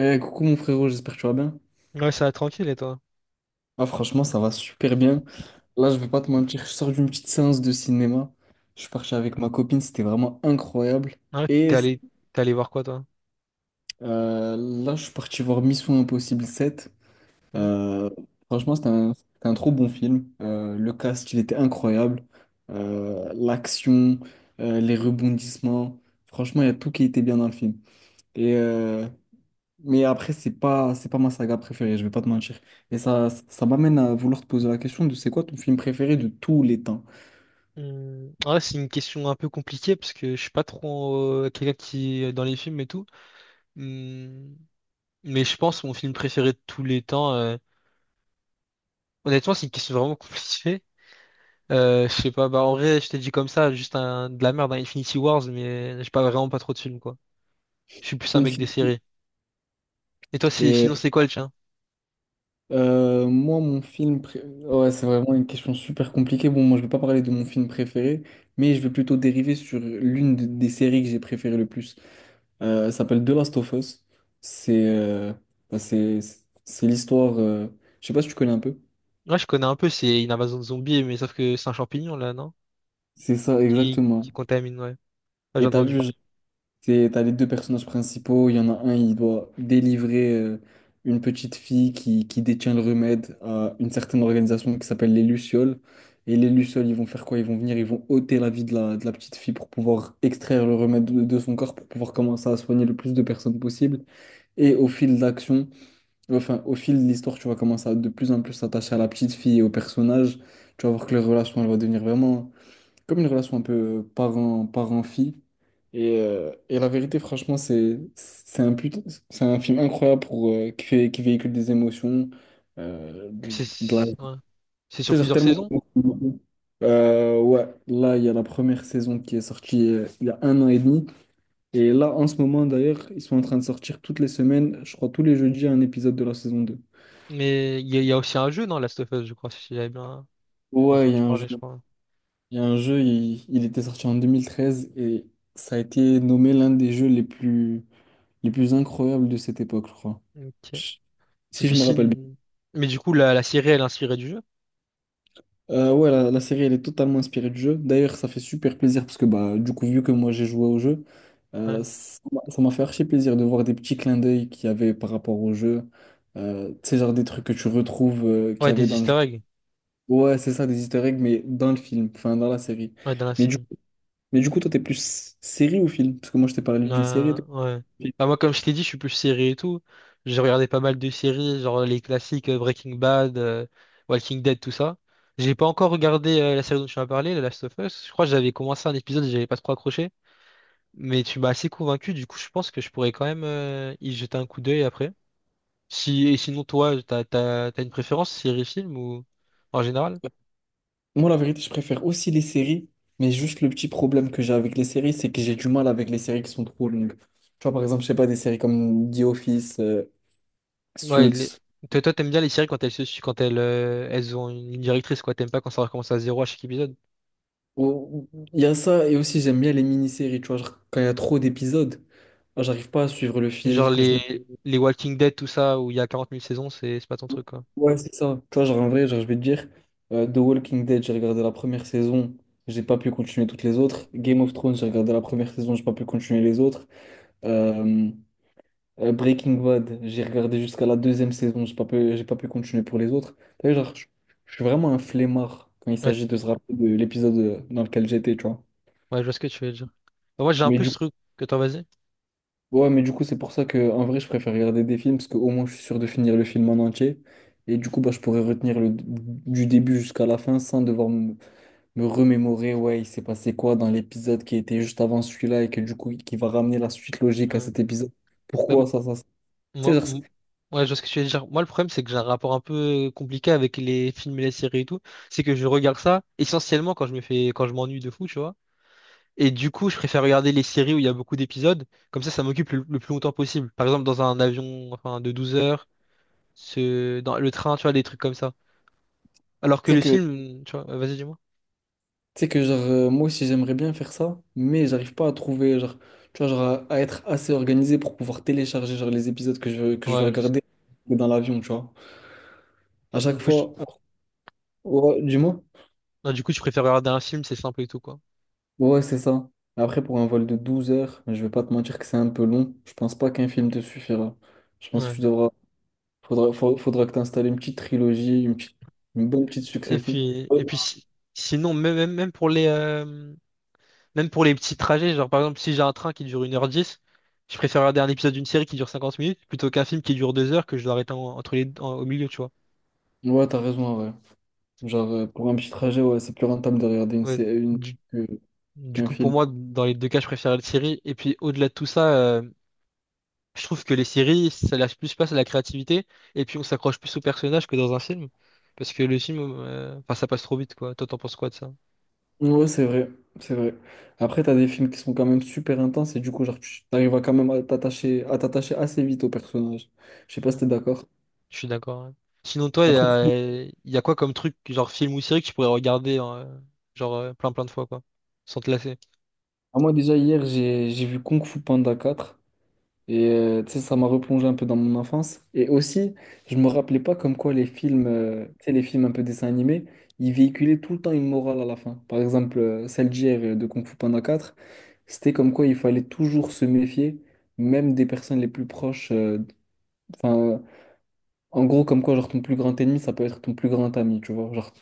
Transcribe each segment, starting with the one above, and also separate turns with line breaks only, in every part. Eh, coucou mon frérot, j'espère que tu vas bien.
Ouais, ça va tranquille, et toi?
Ah, franchement, ça va super bien. Là, je vais pas te mentir, je sors d'une petite séance de cinéma. Je suis parti avec ma copine, c'était vraiment incroyable.
Ouais,
Et
t'es allé voir quoi, toi?
euh, Là, je suis parti voir Mission Impossible 7.
Hmm.
Euh, Franchement, c'était un trop bon film. Le cast, il était incroyable. L'action, les rebondissements. Franchement, il y a tout qui était bien dans le film. Et euh, Mais après, c'est pas ma saga préférée, je vais pas te mentir. Et ça m'amène à vouloir te poser la question de c'est quoi ton film préféré de tous les temps?
Hmm, ouais, c'est une question un peu compliquée parce que je suis pas trop quelqu'un qui est dans les films et tout. Hmm, mais je pense mon film préféré de tous les temps. Honnêtement, c'est une question vraiment compliquée. Je sais pas, bah en vrai, je t'ai dit comme ça, juste un, de la merde, un Infinity Wars, mais j'ai pas vraiment pas trop de films, quoi. Je suis plus un mec des
Infinity.
séries. Et toi, si,
Et
sinon, c'est quoi le tien?
moi, Ouais, c'est vraiment une question super compliquée. Bon, moi, je vais pas parler de mon film préféré, mais je vais plutôt dériver sur des séries que j'ai préférées le plus. Elle s'appelle The Last of Us. C'est bah, c'est C'est l'histoire. Je sais pas si tu connais un peu.
Ouais, je connais un peu, c'est une invasion de zombies, mais sauf que c'est un champignon, là, non?
C'est ça,
Qui,
exactement.
qui contamine, ouais. Ouais, j'ai
Et t'as
entendu
vu,
parler.
T'as les deux personnages principaux, il y en a un, il doit délivrer une petite fille qui détient le remède à une certaine organisation qui s'appelle les Lucioles. Et les Lucioles, ils vont faire quoi? Ils vont venir, ils vont ôter la vie de de la petite fille pour pouvoir extraire le remède de son corps, pour pouvoir commencer à soigner le plus de personnes possible. Et au fil d'action, au fil de l'histoire, tu vas commencer à de plus en plus s'attacher à la petite fille et au personnage. Tu vas voir que leur relation, elle va devenir vraiment comme une relation un peu parent, parent-fille. Et la vérité, franchement, c'est un film incroyable pour, qui véhicule des émotions, euh, de,
C'est
de la...
Ouais. C'est sur
C'est genre
plusieurs
tellement...
saisons,
Ouais, là, il y a la première saison qui est sortie il y a un an et demi. Et là, en ce moment, d'ailleurs, ils sont en train de sortir toutes les semaines, je crois tous les jeudis, un épisode de la saison deux.
mais il y a aussi un jeu, non, Last of Us, je crois, si j'avais bien
Ouais, il y a
entendu
un jeu.
parler, je crois.
Il y a un jeu, il était sorti en 2013 et ça a été nommé l'un des jeux les plus incroyables de cette époque, je crois.
Ok.
Je-
Et
Si
puis
je me rappelle
si...
bien.
Mais du coup, la série, elle est inspirée du jeu.
Ouais, la série, elle est totalement inspirée du jeu. D'ailleurs, ça fait super plaisir parce que, bah, du coup, vu que moi j'ai joué au jeu,
Ouais,
ça m'a fait archi plaisir de voir des petits clins d'œil qu'il y avait par rapport au jeu. Tu sais, genre des trucs que tu retrouves qu'il
ouais
y avait
des
dans le jeu.
easter eggs.
Ouais, c'est ça, des easter eggs, mais dans le film, enfin, dans la série.
Ouais, dans la
Mais du,
série.
mais du coup, toi, t'es plus série ou film? Parce que moi, je t'ai parlé d'une série. Toi,
Ouais.
film.
Bah, moi, comme je t'ai dit, je suis plus série et tout. J'ai regardé pas mal de séries, genre les classiques Breaking Bad, Walking Dead, tout ça. J'ai pas encore regardé la série dont tu m'as parlé, The Last of Us. Je crois que j'avais commencé un épisode et j'avais pas trop accroché. Mais tu m'as assez convaincu, du coup, je pense que je pourrais quand même y jeter un coup d'œil après. Si... Et sinon, toi, t'as une préférence, série, film ou en général?
Moi, la vérité, je préfère aussi les séries, mais juste le petit problème que j'ai avec les séries, c'est que j'ai du mal avec les séries qui sont trop longues. Tu vois, par exemple, je sais pas, des séries comme The Office,
Ouais,
Suits.
toi, t'aimes bien les séries quand elles ont une ligne directrice, quoi. T'aimes pas quand ça recommence à zéro à chaque épisode.
Il y a ça, et aussi j'aime bien les mini-séries, tu vois, genre, quand il y a trop d'épisodes, ah, j'arrive pas à suivre le
Genre
fil.
les Walking Dead, tout ça, où il y a 40 000 saisons, c'est pas ton truc, quoi.
Ouais, c'est ça. Tu vois, genre, en vrai, genre, je vais te dire, The Walking Dead, j'ai regardé la première saison, j'ai pas pu continuer toutes les autres. Game of Thrones, j'ai regardé la première saison, j'ai pas pu continuer les autres. Euh, Breaking Bad, j'ai regardé jusqu'à la deuxième saison, j'ai pas pu continuer pour les autres. T'as vu, genre, je suis vraiment un flemmard quand il
Ouais,
s'agit de se rappeler de l'épisode dans lequel j'étais, tu vois.
ouais, je vois ce que tu veux dire. Bah, moi, j'ai un
Mais
peu
du
ce
coup,
truc que toi, vas-y.
ouais, mais du coup, c'est pour ça que en vrai, je préfère regarder des films parce qu'au moins, je suis sûr de finir le film en entier. Et du coup, bah, je pourrais retenir le, du début jusqu'à la fin sans devoir me remémorer, ouais, il s'est passé quoi dans l'épisode qui était juste avant celui-là et que du coup, qui va ramener la suite
Ouais.
logique à cet épisode.
Bah,
Pourquoi ça, ça, ça. Tu sais,
moi,
genre, c'est- tu
ouais, je vois ce que tu veux dire. Moi, le problème, c'est que j'ai un rapport un peu compliqué avec les films et les séries et tout. C'est que je regarde ça essentiellement quand je me fais, quand je m'ennuie de fou, tu vois. Et du coup, je préfère regarder les séries où il y a beaucoup d'épisodes. Comme ça m'occupe le plus longtemps possible. Par exemple, dans un avion enfin, de 12 heures, dans le train, tu vois, des trucs comme ça. Alors que
sais
le
que
film, tu vois, vas-y, dis-moi.
Tu sais que genre moi aussi j'aimerais bien faire ça, mais j'arrive pas à trouver genre tu vois genre à être assez organisé pour pouvoir télécharger genre les épisodes que je veux
Ouais, je sais.
regarder dans l'avion, tu vois. À chaque
du coup, je,
fois ouais, dis-moi.
non, du coup, je préfère regarder un film, c'est simple et tout, quoi.
Ouais, c'est ça. Après pour un vol de 12 heures, je vais pas te mentir que c'est un peu long. Je pense pas qu'un film te suffira. Je pense que
Ouais.
tu devras faudra fa- Faudra que tu installes une petite trilogie, une bonne petite
Et
succession.
puis,
Ouais,
et puis sinon, même pour les petits trajets, genre par exemple, si j'ai un train qui dure 1h10, je préfère regarder un épisode d'une série qui dure 50 minutes plutôt qu'un film qui dure 2 heures que je dois arrêter entre les, au milieu, tu vois.
ouais, t'as raison, ouais. Genre pour un petit trajet, ouais, c'est plus rentable de regarder
Ouais.
une
Du,
que-
Du
qu'un
coup, pour
film.
moi, dans les deux cas, je préfère les séries. Et puis, au-delà de tout ça, je trouve que les séries, ça lâche plus place à la créativité. Et puis, on s'accroche plus aux personnages que dans un film. Parce que le film, enfin, ça passe trop vite, quoi. Toi, t'en penses quoi de ça?
Ouais, c'est vrai, c'est vrai. Après, t'as des films qui sont quand même super intenses et du coup, genre, tu arrives à quand même à t'attacher assez vite au personnage. Je sais pas
Ouais,
si t'es d'accord.
je suis d'accord. Ouais. Sinon, toi, il y
Après,
a, y a quoi comme truc, genre film ou série que tu pourrais regarder, genre, plein plein de fois, quoi, sans te lasser?
ah, moi déjà hier, j'ai vu Kung Fu Panda 4 et tu sais, ça m'a replongé un peu dans mon enfance. Et aussi, je me rappelais pas comme quoi les films, tu sais, les films un peu dessins animés, ils véhiculaient tout le temps une morale à la fin. Par exemple, celle d'hier de Kung Fu Panda 4, c'était comme quoi il fallait toujours se méfier, même des personnes les plus proches. Enfin, En gros, comme quoi, genre, ton plus grand ennemi, ça peut être ton plus grand ami, tu vois.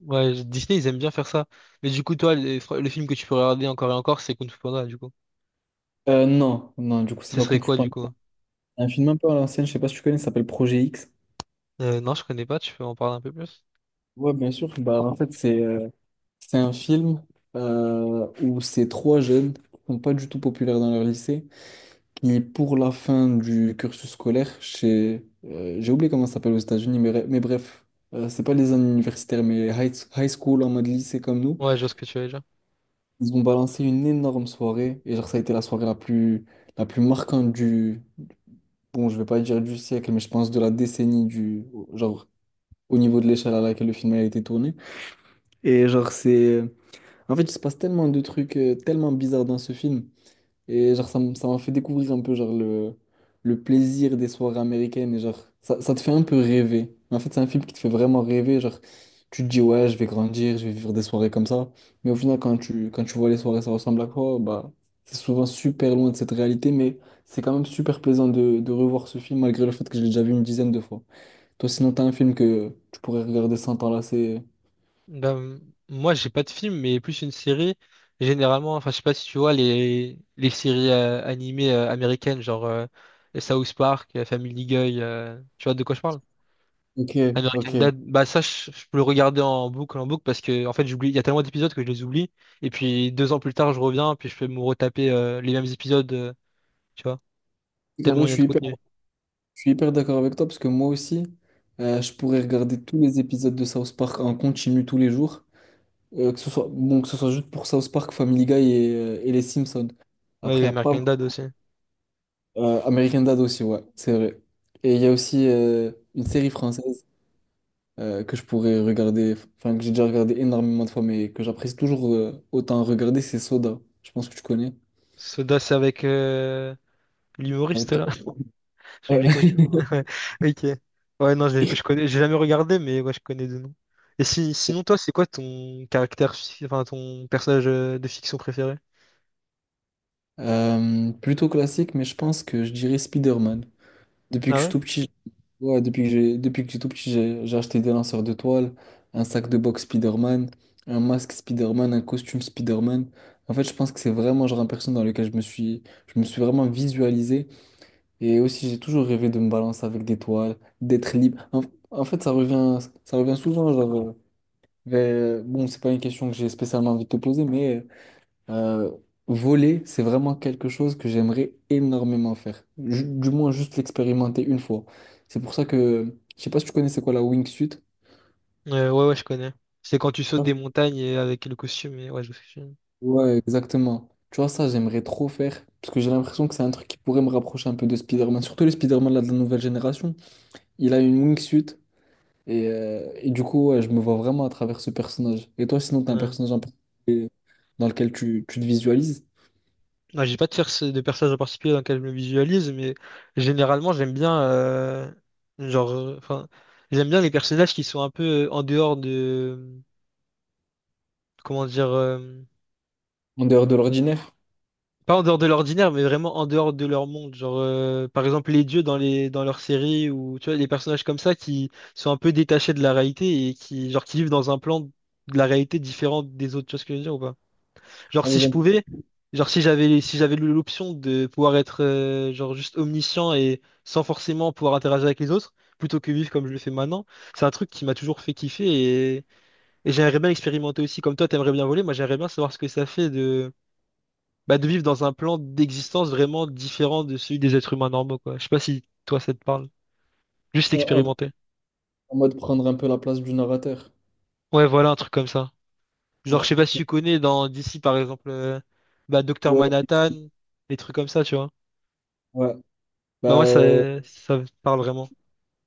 Ouais, Disney, ils aiment bien faire ça. Mais du coup, toi, le film que tu pourrais regarder encore et encore, c'est Kung Fu Panda, du coup.
Non, du coup, c'est
Ce
pas
serait
Kung Fu
quoi, du
Panda.
coup?
Un film un peu à l'ancienne, je sais pas si tu connais, ça s'appelle Projet X.
Non, je connais pas, tu peux en parler un peu plus?
Ouais, bien sûr. Bah, en fait, c'est un film où ces trois jeunes qui sont pas du tout populaires dans leur lycée, qui, pour la fin du cursus scolaire, j'ai oublié comment ça s'appelle aux États-Unis, mais bref, c'est pas les années universitaires, mais high school en mode lycée comme nous.
Ouais, je vois ce que tu veux dire.
Ils ont balancé une énorme soirée et genre ça a été la soirée la plus marquante du bon, je vais pas dire du siècle, mais je pense de la décennie, du genre au niveau de l'échelle à laquelle le film a été tourné, et genre c'est en fait il se passe tellement de trucs tellement bizarres dans ce film, et genre, ça m'a fait découvrir un peu genre le plaisir des soirées américaines. Et genre, ça te fait un peu rêver. En fait, c'est un film qui te fait vraiment rêver. Genre, tu te dis, ouais, je vais grandir, je vais vivre des soirées comme ça. Mais au final, quand tu vois les soirées, ça ressemble à quoi? Bah, c'est souvent super loin de cette réalité. Mais c'est quand même super plaisant de revoir ce film, malgré le fait que je l'ai déjà vu une dizaine de fois. Toi, sinon, t'as un film que tu pourrais regarder sans t'enlacer.
Ben, moi, j'ai pas de film, mais plus une série. Généralement, enfin, je sais pas si tu vois les séries animées américaines, genre South Park, Family Guy, tu vois de quoi je parle?
Ok,
American
ok.
Dad, bah ça, je peux le regarder en boucle, parce que, en fait, j'oublie, il y a tellement d'épisodes que je les oublie. Et puis, 2 ans plus tard, je reviens, puis je peux me retaper les mêmes épisodes, tu vois,
En vrai,
tellement il
je
y a
suis
de
hyper
contenu.
Je suis hyper d'accord avec toi parce que moi aussi, je pourrais regarder tous les épisodes de South Park en continu tous les jours, bon, que ce soit juste pour South Park, Family Guy et les Simpsons.
Ouais,
Après, il
et
y a pas
American Dad aussi.
American Dad aussi, ouais, c'est vrai. Et il y a aussi une série française que je pourrais regarder, enfin que j'ai déjà regardé énormément de fois, mais que j'apprécie toujours autant regarder, c'est Soda. Je pense que tu connais.
Soda, c'est avec l'humoriste, là.
Avec-
Je
Ouais.
les connais. Ok. Ouais, non, je connais, j'ai jamais regardé, mais ouais, je connais de nom. Et si,
C'est,
sinon, toi, c'est quoi enfin, ton personnage de fiction préféré?
plutôt classique, mais je pense que je dirais Spider-Man. Depuis que
Ah
je suis
ouais?
tout petit, ouais, depuis que j'ai tout petit, j'ai acheté des lanceurs de toile, un sac de boxe Spider-Man, un masque Spider-Man, un costume Spider-Man. En fait, je pense que c'est vraiment genre un personnage dans lequel je me suis vraiment visualisé. Et aussi, j'ai toujours rêvé de me balancer avec des toiles, d'être libre. En fait, ça revient souvent genre, bon, c'est pas une question que j'ai spécialement envie de te poser, mais euh, voler, c'est vraiment quelque chose que j'aimerais énormément faire. Du moins, juste l'expérimenter une fois. C'est pour ça que, je sais pas si tu connais c'est quoi la wingsuit.
Ouais, ouais, je connais. C'est quand tu sautes
Ouais.
des montagnes et avec le costume, et ouais, je sais.
Ouais, exactement. Tu vois, ça, j'aimerais trop faire. Parce que j'ai l'impression que c'est un truc qui pourrait me rapprocher un peu de Spider-Man. Surtout le Spider-Man là, de la nouvelle génération. Il a une wingsuit. Et du coup, ouais, je me vois vraiment à travers ce personnage. Et toi, sinon, t'as un
Ouais.
personnage en particulier dans lequel tu te visualises,
Ouais, j'ai pas de personnage en particulier dans lequel je me visualise, mais généralement, genre, euh, enfin, j'aime bien les personnages qui sont un peu en dehors de, comment dire,
en dehors de l'ordinaire,
pas en dehors de l'ordinaire, mais vraiment en dehors de leur monde. Genre, par exemple, les dieux dans leurs séries ou tu vois, les personnages comme ça qui sont un peu détachés de la réalité et qui vivent dans un plan de la réalité différent des autres. Tu vois ce que je veux dire ou pas? Genre, si je
en,
pouvais, genre si j'avais l'option de pouvoir être genre juste omniscient et sans forcément pouvoir interagir avec les autres, plutôt que vivre comme je le fais maintenant, c'est un truc qui m'a toujours fait kiffer et, et j'aimerais bien expérimenter aussi. Comme toi, t'aimerais bien voler, moi j'aimerais bien savoir ce que ça fait bah, de vivre dans un plan d'existence vraiment différent de celui des êtres humains normaux, quoi. Je sais pas si toi ça te parle. Juste
en
expérimenter.
en mode prendre un peu la place du narrateur.
Ouais, voilà, un truc comme ça. Genre,
Ouais,
je sais pas si tu connais dans d'ici par exemple, bah, Docteur Manhattan, des trucs comme ça, tu vois.
ouais.
Bah, moi, ça,
Bah,
ça me parle vraiment.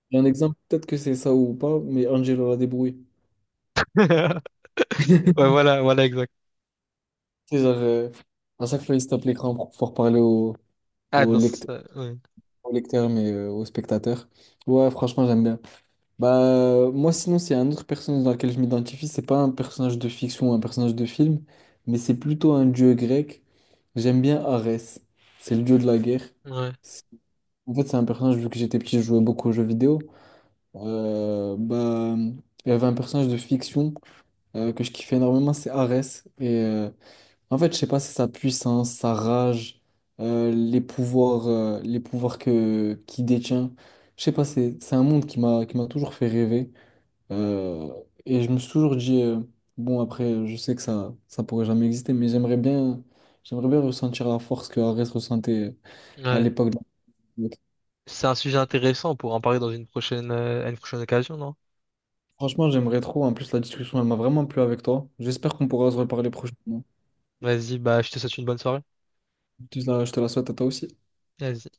il y a un exemple, peut-être que c'est ça ou pas, mais Angelo la débrouille.
Ouais, voilà, voilà, exact.
C'est genre, à chaque fois, il se tape l'écran pour pouvoir parler au,
Ah,
au
non,
lecteur,
ça, ouais.
au lecteur, mais au spectateur. Ouais, franchement, j'aime bien. Bah, moi, sinon, c'est un autre personnage dans lequel je m'identifie. C'est pas un personnage de fiction ou un personnage de film, mais c'est plutôt un dieu grec. J'aime bien Arès. C'est le dieu de la guerre.
Ouais,
C'est- En fait, c'est un personnage, vu que j'étais petit, je jouais beaucoup aux jeux vidéo. Euh, bah, il y avait un personnage de fiction que je kiffais énormément, c'est Arès. En fait, je sais pas, c'est sa puissance, sa rage, les pouvoirs que qu'il détient. Je sais pas, c'est un monde qui m'a toujours fait rêver. Euh, et je me suis toujours dit, bon, après, je sais que ça pourrait jamais exister, mais j'aimerais bien ressentir la force que Arès ressentait à
ouais.
l'époque.
C'est un sujet intéressant pour en parler dans une prochaine, à une prochaine occasion, non?
Franchement, j'aimerais trop. En plus, la discussion, elle m'a vraiment plu avec toi. J'espère qu'on pourra se
Ouais.
reparler prochainement.
Vas-y, bah, je te souhaite une bonne soirée.
Je te la souhaite à toi aussi.
Vas-y.